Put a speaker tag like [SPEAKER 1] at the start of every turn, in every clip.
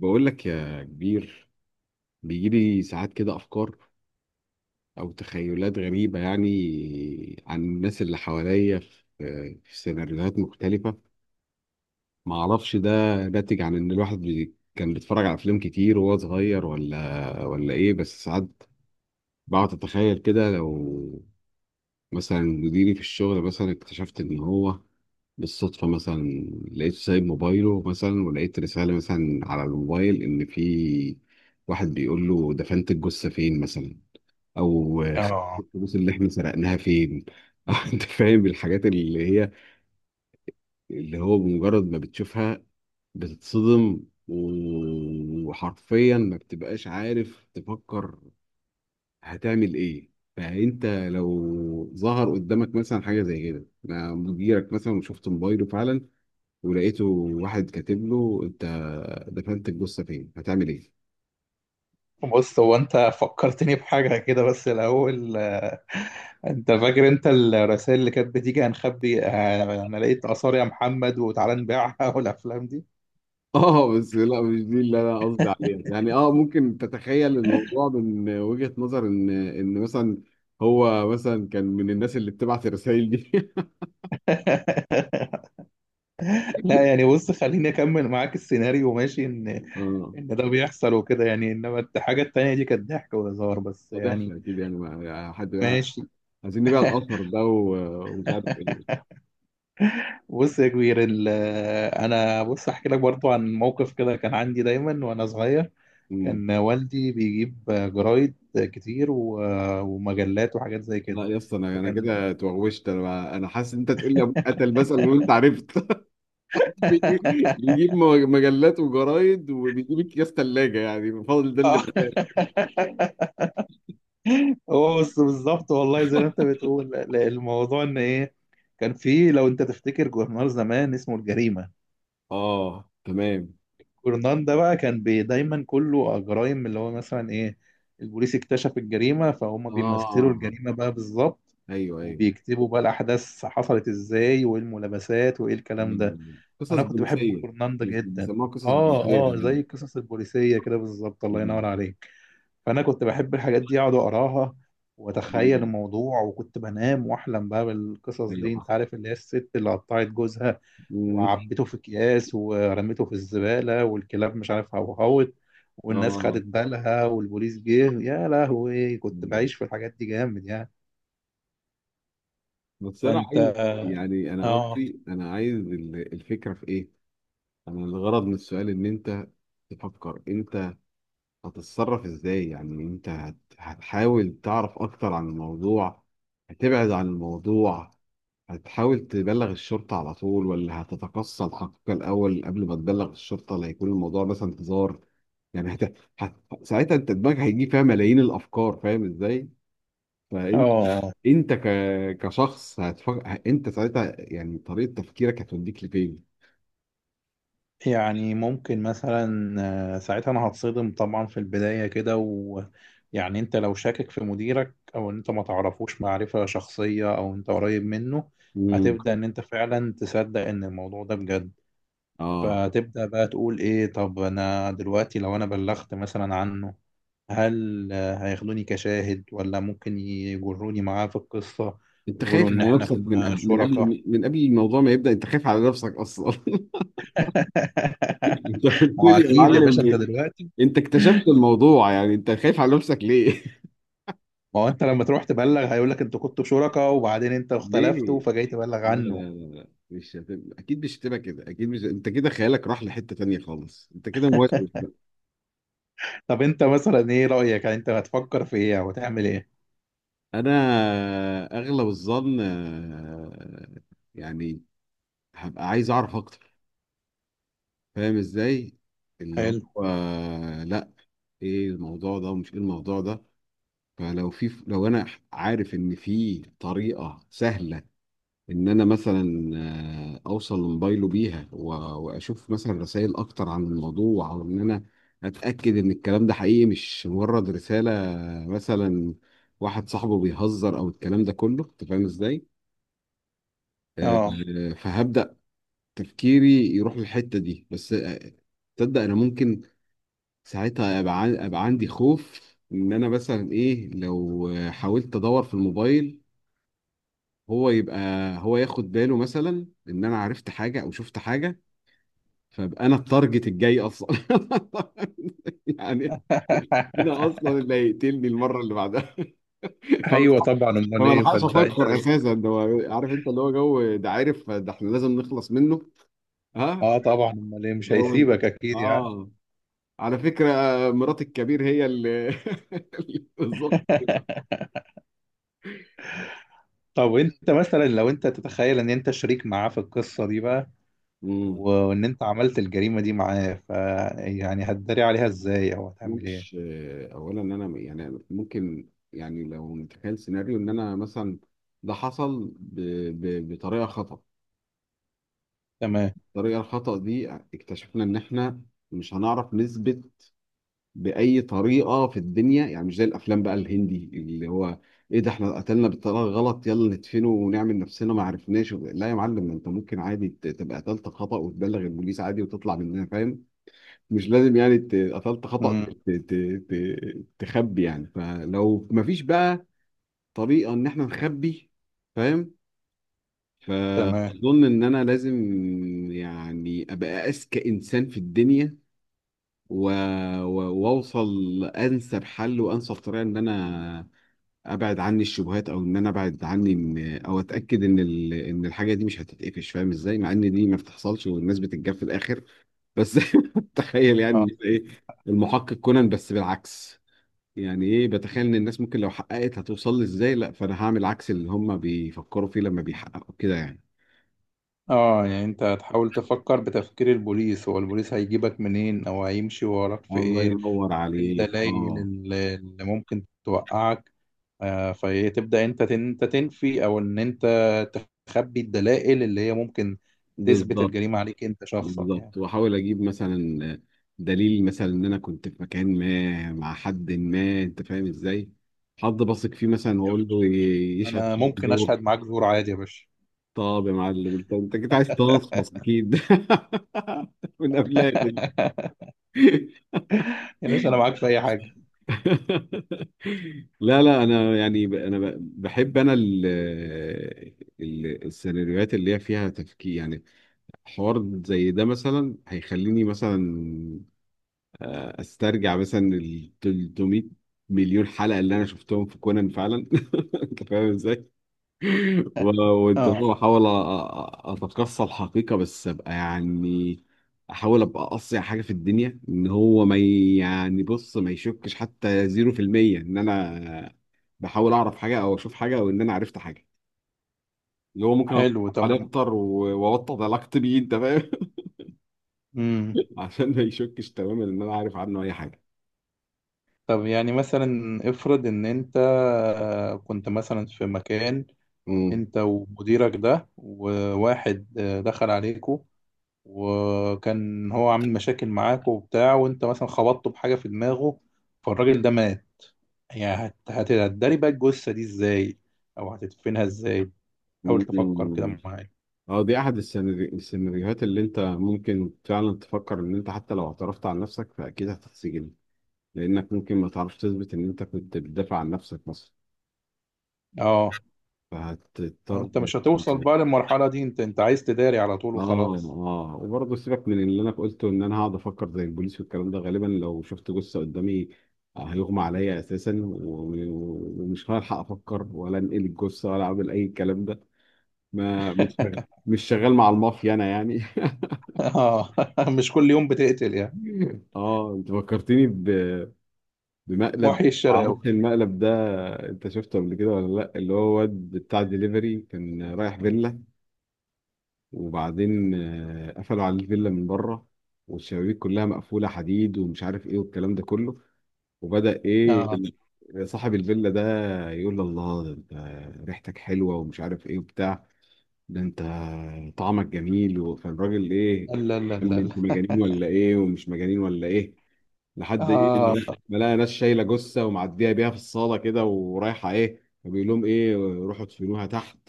[SPEAKER 1] بقول لك يا كبير، بيجيلي ساعات كده أفكار أو تخيلات غريبة يعني عن الناس اللي حواليا في سيناريوهات مختلفة. معرفش ده ناتج عن إن الواحد كان بيتفرج على أفلام كتير وهو صغير ولا إيه، بس ساعات بقعد أتخيل كده لو مثلا مديري في الشغل مثلا اكتشفت إن هو بالصدفة مثلا، لقيت سايب موبايله مثلا ولقيت رسالة مثلا على الموبايل إن في واحد بيقول له دفنت الجثة فين مثلا، أو خدت
[SPEAKER 2] اه،
[SPEAKER 1] الفلوس اللي إحنا سرقناها فين. أنت فاهم الحاجات اللي هو بمجرد ما بتشوفها بتتصدم، وحرفيا ما بتبقاش عارف تفكر هتعمل إيه. فأنت لو ظهر قدامك مثلا حاجة زي كده مع مديرك مثلا وشفت موبايله فعلا ولقيته واحد كاتب له انت دفنت الجثه فين، هتعمل ايه؟
[SPEAKER 2] بص هو انت فكرتني بحاجة كده بس الأول انت فاكر انت الرسائل اللي كانت بتيجي هنخبي. انا لقيت آثار يا محمد وتعالى نبيعها والأفلام دي.
[SPEAKER 1] اه بس لا، مش دي اللي انا قصدي عليها يعني. اه ممكن تتخيل الموضوع من وجهة نظر ان مثلا هو مثلا كان من الناس اللي بتبعت الرسائل دي.
[SPEAKER 2] لا يعني بص خليني أكمل معاك السيناريو ماشي؟ إن
[SPEAKER 1] اه،
[SPEAKER 2] إن ده بيحصل وكده يعني، إنما الحاجة التانية دي كانت ضحك وهزار بس
[SPEAKER 1] واضح
[SPEAKER 2] يعني.
[SPEAKER 1] لك اكيد يعني حد بقى
[SPEAKER 2] ماشي.
[SPEAKER 1] عايزين نبيع الاثر ده، ومش عارف ايه.
[SPEAKER 2] بص يا كبير، أنا بص أحكي لك برضو عن موقف كده كان عندي دايما وأنا صغير.
[SPEAKER 1] مم.
[SPEAKER 2] كان والدي بيجيب جرايد كتير و- ومجلات وحاجات زي كده.
[SPEAKER 1] لا يا اسطى، انا
[SPEAKER 2] فكان
[SPEAKER 1] كده اتوغوشت، انا حاسس ان انت تقول لي ابوك قتل مثلا وانت عرفت. بيجي- بيجيب مجلات وجرايد، وبيجيب اكياس ثلاجه يعني فاضل ده اللي
[SPEAKER 2] آه.
[SPEAKER 1] بتاعي.
[SPEAKER 2] هو بص بالظبط والله زي ما انت بتقول، الموضوع ان ايه. كان في لو انت تفتكر جورنال زمان اسمه الجريمة.
[SPEAKER 1] اه تمام.
[SPEAKER 2] جورنال ده بقى كان بي دايما كله جرائم، اللي هو مثلا ايه؟ البوليس اكتشف الجريمة، فهم بيمثلوا
[SPEAKER 1] اه
[SPEAKER 2] الجريمة بقى بالظبط،
[SPEAKER 1] ايوه، ايوه،
[SPEAKER 2] وبيكتبوا بقى الأحداث حصلت ازاي وايه الملابسات وايه الكلام ده.
[SPEAKER 1] ايوه، قصص
[SPEAKER 2] انا كنت بحب
[SPEAKER 1] بوليسيه،
[SPEAKER 2] كورناندا جدا.
[SPEAKER 1] بيسموها قصص
[SPEAKER 2] اه.
[SPEAKER 1] بوليسيه
[SPEAKER 2] اه زي القصص البوليسيه كده بالظبط، الله
[SPEAKER 1] زمان.
[SPEAKER 2] ينور عليك. فانا كنت بحب الحاجات دي اقعد اقراها واتخيل
[SPEAKER 1] مم.
[SPEAKER 2] الموضوع، وكنت بنام واحلم بقى بالقصص
[SPEAKER 1] ايوه
[SPEAKER 2] دي. انت
[SPEAKER 1] صح.
[SPEAKER 2] عارف اللي هي الست اللي قطعت جوزها
[SPEAKER 1] مم.
[SPEAKER 2] وعبته في اكياس ورميته في الزباله، والكلاب مش عارف هوهوت، والناس
[SPEAKER 1] اه
[SPEAKER 2] خدت بالها والبوليس جه، يا لهوي كنت
[SPEAKER 1] ايوه.
[SPEAKER 2] بعيش في الحاجات دي جامد يعني.
[SPEAKER 1] بس انا
[SPEAKER 2] فانت.
[SPEAKER 1] عايز يعني، انا
[SPEAKER 2] اه.
[SPEAKER 1] قصدي انا عايز الفكره في ايه؟ انا الغرض من السؤال ان انت تفكر انت هتتصرف ازاي. يعني انت هتحاول تعرف اكتر عن الموضوع، هتبعد عن الموضوع، هتحاول تبلغ الشرطة على طول، ولا هتتقصى الحقيقة الأول قبل ما تبلغ الشرطة لا يكون الموضوع مثلا هزار؟ يعني ساعتها انت دماغك هيجي فيها ملايين الأفكار، فاهم ازاي؟ فانت
[SPEAKER 2] اه
[SPEAKER 1] انت كشخص هتفكر انت ساعتها، يعني طريقة تفكيرك هتوديك لفين؟
[SPEAKER 2] يعني ممكن مثلا ساعتها انا هتصدم طبعا في البداية كده، ويعني انت لو شاكك في مديرك او انت ما تعرفوش معرفة شخصية او انت قريب منه،
[SPEAKER 1] امم
[SPEAKER 2] هتبدأ ان انت فعلا تصدق ان الموضوع ده بجد.
[SPEAKER 1] اه،
[SPEAKER 2] فتبدأ بقى تقول ايه، طب انا دلوقتي لو انا بلغت مثلا عنه، هل هياخدوني كشاهد ولا ممكن يجروني معاه في القصة،
[SPEAKER 1] انت
[SPEAKER 2] ويقولوا
[SPEAKER 1] خايف
[SPEAKER 2] ان
[SPEAKER 1] على
[SPEAKER 2] احنا
[SPEAKER 1] نفسك من
[SPEAKER 2] كنا
[SPEAKER 1] قبل من
[SPEAKER 2] شركاء؟
[SPEAKER 1] قبل من قبل الموضوع ما يبدأ، انت خايف على نفسك اصلا. انت قلت
[SPEAKER 2] ما هو
[SPEAKER 1] لي يا
[SPEAKER 2] اكيد يا باشا انت
[SPEAKER 1] معلم،
[SPEAKER 2] دلوقتي.
[SPEAKER 1] انت اكتشفت الموضوع، يعني انت خايف على نفسك ليه؟
[SPEAKER 2] ما هو انت لما تروح تبلغ هيقول لك انتوا كنتوا شركاء وبعدين انت
[SPEAKER 1] ليه؟
[SPEAKER 2] اختلفتوا فجاي تبلغ
[SPEAKER 1] لا لا
[SPEAKER 2] عنه.
[SPEAKER 1] لا لا، مش هتبقى اكيد، مش هتبقى كده اكيد. مش انت كده خيالك راح لحتة تانية خالص، انت كده موسوس بقى.
[SPEAKER 2] طب انت مثلا ايه رأيك، يعني انت هتفكر في ايه او هتعمل ايه؟
[SPEAKER 1] انا اغلب الظن يعني هبقى عايز اعرف اكتر، فاهم ازاي؟ اللي هو
[SPEAKER 2] حلو.
[SPEAKER 1] لا، ايه الموضوع ده ومش ايه الموضوع ده. فلو في لو انا عارف ان في طريقه سهله ان انا مثلا اوصل لموبايله بيها واشوف مثلا رسائل اكتر عن الموضوع، او ان انا اتاكد ان الكلام ده حقيقي مش مجرد رساله مثلا واحد صاحبه بيهزر، او الكلام ده كله، انت فاهم ازاي؟ آه،
[SPEAKER 2] اه.
[SPEAKER 1] فهبدا تفكيري يروح للحته دي. بس تصدق انا ممكن ساعتها ابقى أبقى عندي خوف ان انا مثلا ايه، لو حاولت ادور في الموبايل، هو يبقى هو ياخد باله مثلا ان انا عرفت حاجه او شفت حاجه، فابقى انا التارجت الجاي اصلا. يعني انا اصلا اللي هيقتلني المره اللي بعدها. فما
[SPEAKER 2] ايوه طبعا، امال
[SPEAKER 1] فما
[SPEAKER 2] ايه،
[SPEAKER 1] الحقش
[SPEAKER 2] فانت
[SPEAKER 1] افكر
[SPEAKER 2] دلوقتي.
[SPEAKER 1] اساسا، ده هو عارف، انت اللي هو جو ده، عارف، ده احنا لازم نخلص منه. ها،
[SPEAKER 2] اه طبعا، امال ايه، مش
[SPEAKER 1] جو ال-
[SPEAKER 2] هيسيبك اكيد يعني.
[SPEAKER 1] اه، على فكره مرات الكبير هي اللي بالظبط.
[SPEAKER 2] طب انت مثلا لو انت تتخيل ان انت شريك معاه في القصة دي بقى، وان انت عملت الجريمة دي معاه، ف يعني هتداري عليها ازاي او
[SPEAKER 1] انا
[SPEAKER 2] هتعمل
[SPEAKER 1] مش،
[SPEAKER 2] ايه؟
[SPEAKER 1] اولا ان انا يعني ممكن، يعني لو نتخيل سيناريو ان انا مثلا ده حصل بطريقه خطا،
[SPEAKER 2] تمام.
[SPEAKER 1] الطريقه الخطا دي اكتشفنا ان احنا مش هنعرف نثبت باي طريقه في الدنيا. يعني مش زي الافلام بقى الهندي اللي هو ايه ده، احنا قتلنا بالطريقه الغلط، يلا ندفنه ونعمل نفسنا ما عرفناش. لا يا معلم، انت ممكن عادي تبقى قتلت خطا وتبلغ البوليس عادي وتطلع مننا، فاهم؟ مش لازم يعني ت- قتلت خطأ ت-
[SPEAKER 2] امم.
[SPEAKER 1] ت- ت- تخبي يعني. فلو مفيش بقى طريقة ان احنا نخبي، فاهم،
[SPEAKER 2] تمام.
[SPEAKER 1] فاظن ان انا لازم يعني ابقى اذكى انسان في الدنيا و... و... واوصل لانسب حل وانسب طريقة ان انا ابعد عني الشبهات، او ان انا ابعد عني او اتاكد ان ان الحاجة دي مش هتتقفش، فاهم ازاي؟ مع ان دي ما بتحصلش والناس بتتجاب في الاخر، بس تخيل يعني،
[SPEAKER 2] اه.
[SPEAKER 1] يبقى ايه، المحقق كونان بس بالعكس. يعني ايه، بتخيل ان الناس ممكن لو حققت هتوصل لي ازاي، لا فانا هعمل عكس اللي هم بيفكروا فيه لما بيحققوا كده يعني.
[SPEAKER 2] اه يعني انت هتحاول تفكر بتفكير البوليس، هو البوليس هيجيبك منين او هيمشي وراك في
[SPEAKER 1] الله
[SPEAKER 2] ايه،
[SPEAKER 1] ينور
[SPEAKER 2] او ايه
[SPEAKER 1] عليك.
[SPEAKER 2] الدلائل
[SPEAKER 1] اه
[SPEAKER 2] اللي ممكن توقعك. فتبدأ انت تنفي او ان انت تخبي الدلائل اللي هي ممكن تثبت
[SPEAKER 1] بالظبط،
[SPEAKER 2] الجريمة عليك انت شخصك يعني.
[SPEAKER 1] بالظبط، واحاول اجيب مثلا دليل مثلا ان انا كنت في مكان ما مع حد ما، انت فاهم ازاي؟ حد بثق فيه مثلا واقول له يشهد
[SPEAKER 2] انا
[SPEAKER 1] شهاده
[SPEAKER 2] ممكن
[SPEAKER 1] زور.
[SPEAKER 2] اشهد معاك زور عادي يا باشا.
[SPEAKER 1] طب يا معلم، انت كنت عايز تنصف اكيد من قبلها كده.
[SPEAKER 2] يا باشا انا معاك في اي حاجة.
[SPEAKER 1] لا لا، انا يعني بحب انا السيناريوهات اللي هي فيها تفكير يعني. حوار زي ده مثلا هيخليني مثلا استرجع مثلا ال 300 مليون حلقه اللي انا شفتهم في كونان فعلا. انت فاهم ازاي؟ و- وانت
[SPEAKER 2] اه،
[SPEAKER 1] فاهم، احاول اتقصى الحقيقه. بس ابقى يعني احاول ابقى اقصى حاجه في الدنيا ان هو ما يعني بص، ما يشكش حتى 0% ان انا بحاول اعرف حاجه او اشوف حاجه او ان انا عرفت حاجه، اللي هو ممكن اتفرج
[SPEAKER 2] حلو. طب.
[SPEAKER 1] عليه اكتر واوطد علاقتي بيه، انت فاهم؟
[SPEAKER 2] مم.
[SPEAKER 1] عشان ما يشكش تماما ان انا عارف عنه اي حاجه.
[SPEAKER 2] طب يعني مثلا افرض ان انت كنت مثلا في مكان،
[SPEAKER 1] امم
[SPEAKER 2] انت ومديرك ده، وواحد دخل عليكوا وكان هو عامل مشاكل معاك وبتاع، وانت مثلا خبطته بحاجة في دماغه فالراجل ده مات. يعني هتداري بقى الجثة دي ازاي، او هتدفنها ازاي؟ حاول تفكر كده
[SPEAKER 1] أمم.
[SPEAKER 2] معايا.
[SPEAKER 1] اه دي احد السيناريوهات اللي انت ممكن فعلا تفكر ان انت حتى لو اعترفت عن نفسك فاكيد هتتسجن، لانك ممكن ما تعرفش تثبت ان انت كنت بتدافع عن نفسك مثلا،
[SPEAKER 2] اه.
[SPEAKER 1] فهتضطر.
[SPEAKER 2] وانت مش هتوصل بقى للمرحلة دي، انت عايز تداري على طول
[SPEAKER 1] اه
[SPEAKER 2] وخلاص.
[SPEAKER 1] اه، وبرضه سيبك من اللي انا قلته ان انا هقعد افكر زي البوليس والكلام ده. غالبا لو شفت جثه قدامي هيغمى عليا اساسا، و- ومش هلحق افكر ولا انقل الجثه ولا اعمل اي الكلام ده. ما مش شغال، مش شغال مع المافيا انا يعني.
[SPEAKER 2] اه. مش كل يوم بتقتل يعني.
[SPEAKER 1] اه انت فكرتني بمقلب.
[SPEAKER 2] محيي الشرق أوي.
[SPEAKER 1] معرفش المقلب ده انت شفته قبل كده ولا لا، اللي هو واد بتاع دليفري كان رايح فيلا، وبعدين قفلوا عليه الفيلا من بره والشبابيك كلها مقفولة حديد ومش عارف ايه والكلام ده كله، وبدأ ايه،
[SPEAKER 2] اه.
[SPEAKER 1] صاحب الفيلا ده يقول له، الله ده انت ريحتك حلوة ومش عارف ايه وبتاع، ده انت طعمك جميل، فالراجل ايه،
[SPEAKER 2] لا لا
[SPEAKER 1] قال
[SPEAKER 2] لا
[SPEAKER 1] لي انتوا
[SPEAKER 2] لا.
[SPEAKER 1] مجانين ولا ايه ومش مجانين ولا ايه، لحد ايه،
[SPEAKER 2] اه.
[SPEAKER 1] ما لقى ناس شايلة جثة ومعدية بيها في الصالة كده ورايحة ايه، فبيقول لهم ايه، روحوا ادفنوها تحت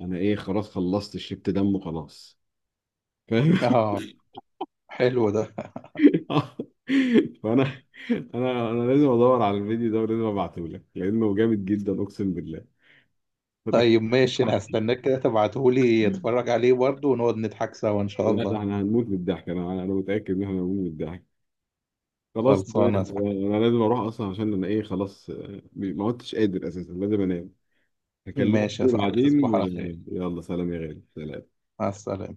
[SPEAKER 1] انا ايه خلاص خلصت شربت دم وخلاص، فاهم؟
[SPEAKER 2] اه حلو ده.
[SPEAKER 1] آه. فانا انا لازم ادور على الفيديو ده ولازم ابعته لك لانه جامد جدا اقسم بالله. فتخ...
[SPEAKER 2] طيب ماشي، انا هستناك كده تبعتهولي اتفرج عليه برضه، ونقعد نضحك سوا ان شاء
[SPEAKER 1] لا ده
[SPEAKER 2] الله.
[SPEAKER 1] احنا هنموت من الضحك، انا متاكد ان احنا هنموت من الضحك. خلاص تمام،
[SPEAKER 2] خلصانه صح.
[SPEAKER 1] انا لازم اروح اصلا عشان انا ايه خلاص، ما عدتش قادر اساسا، لازم انام. هكلمك
[SPEAKER 2] ماشي يا صاحبي،
[SPEAKER 1] بعدين
[SPEAKER 2] تصبح على خير.
[SPEAKER 1] يلا سلام يا غالي، سلام.
[SPEAKER 2] مع السلامه.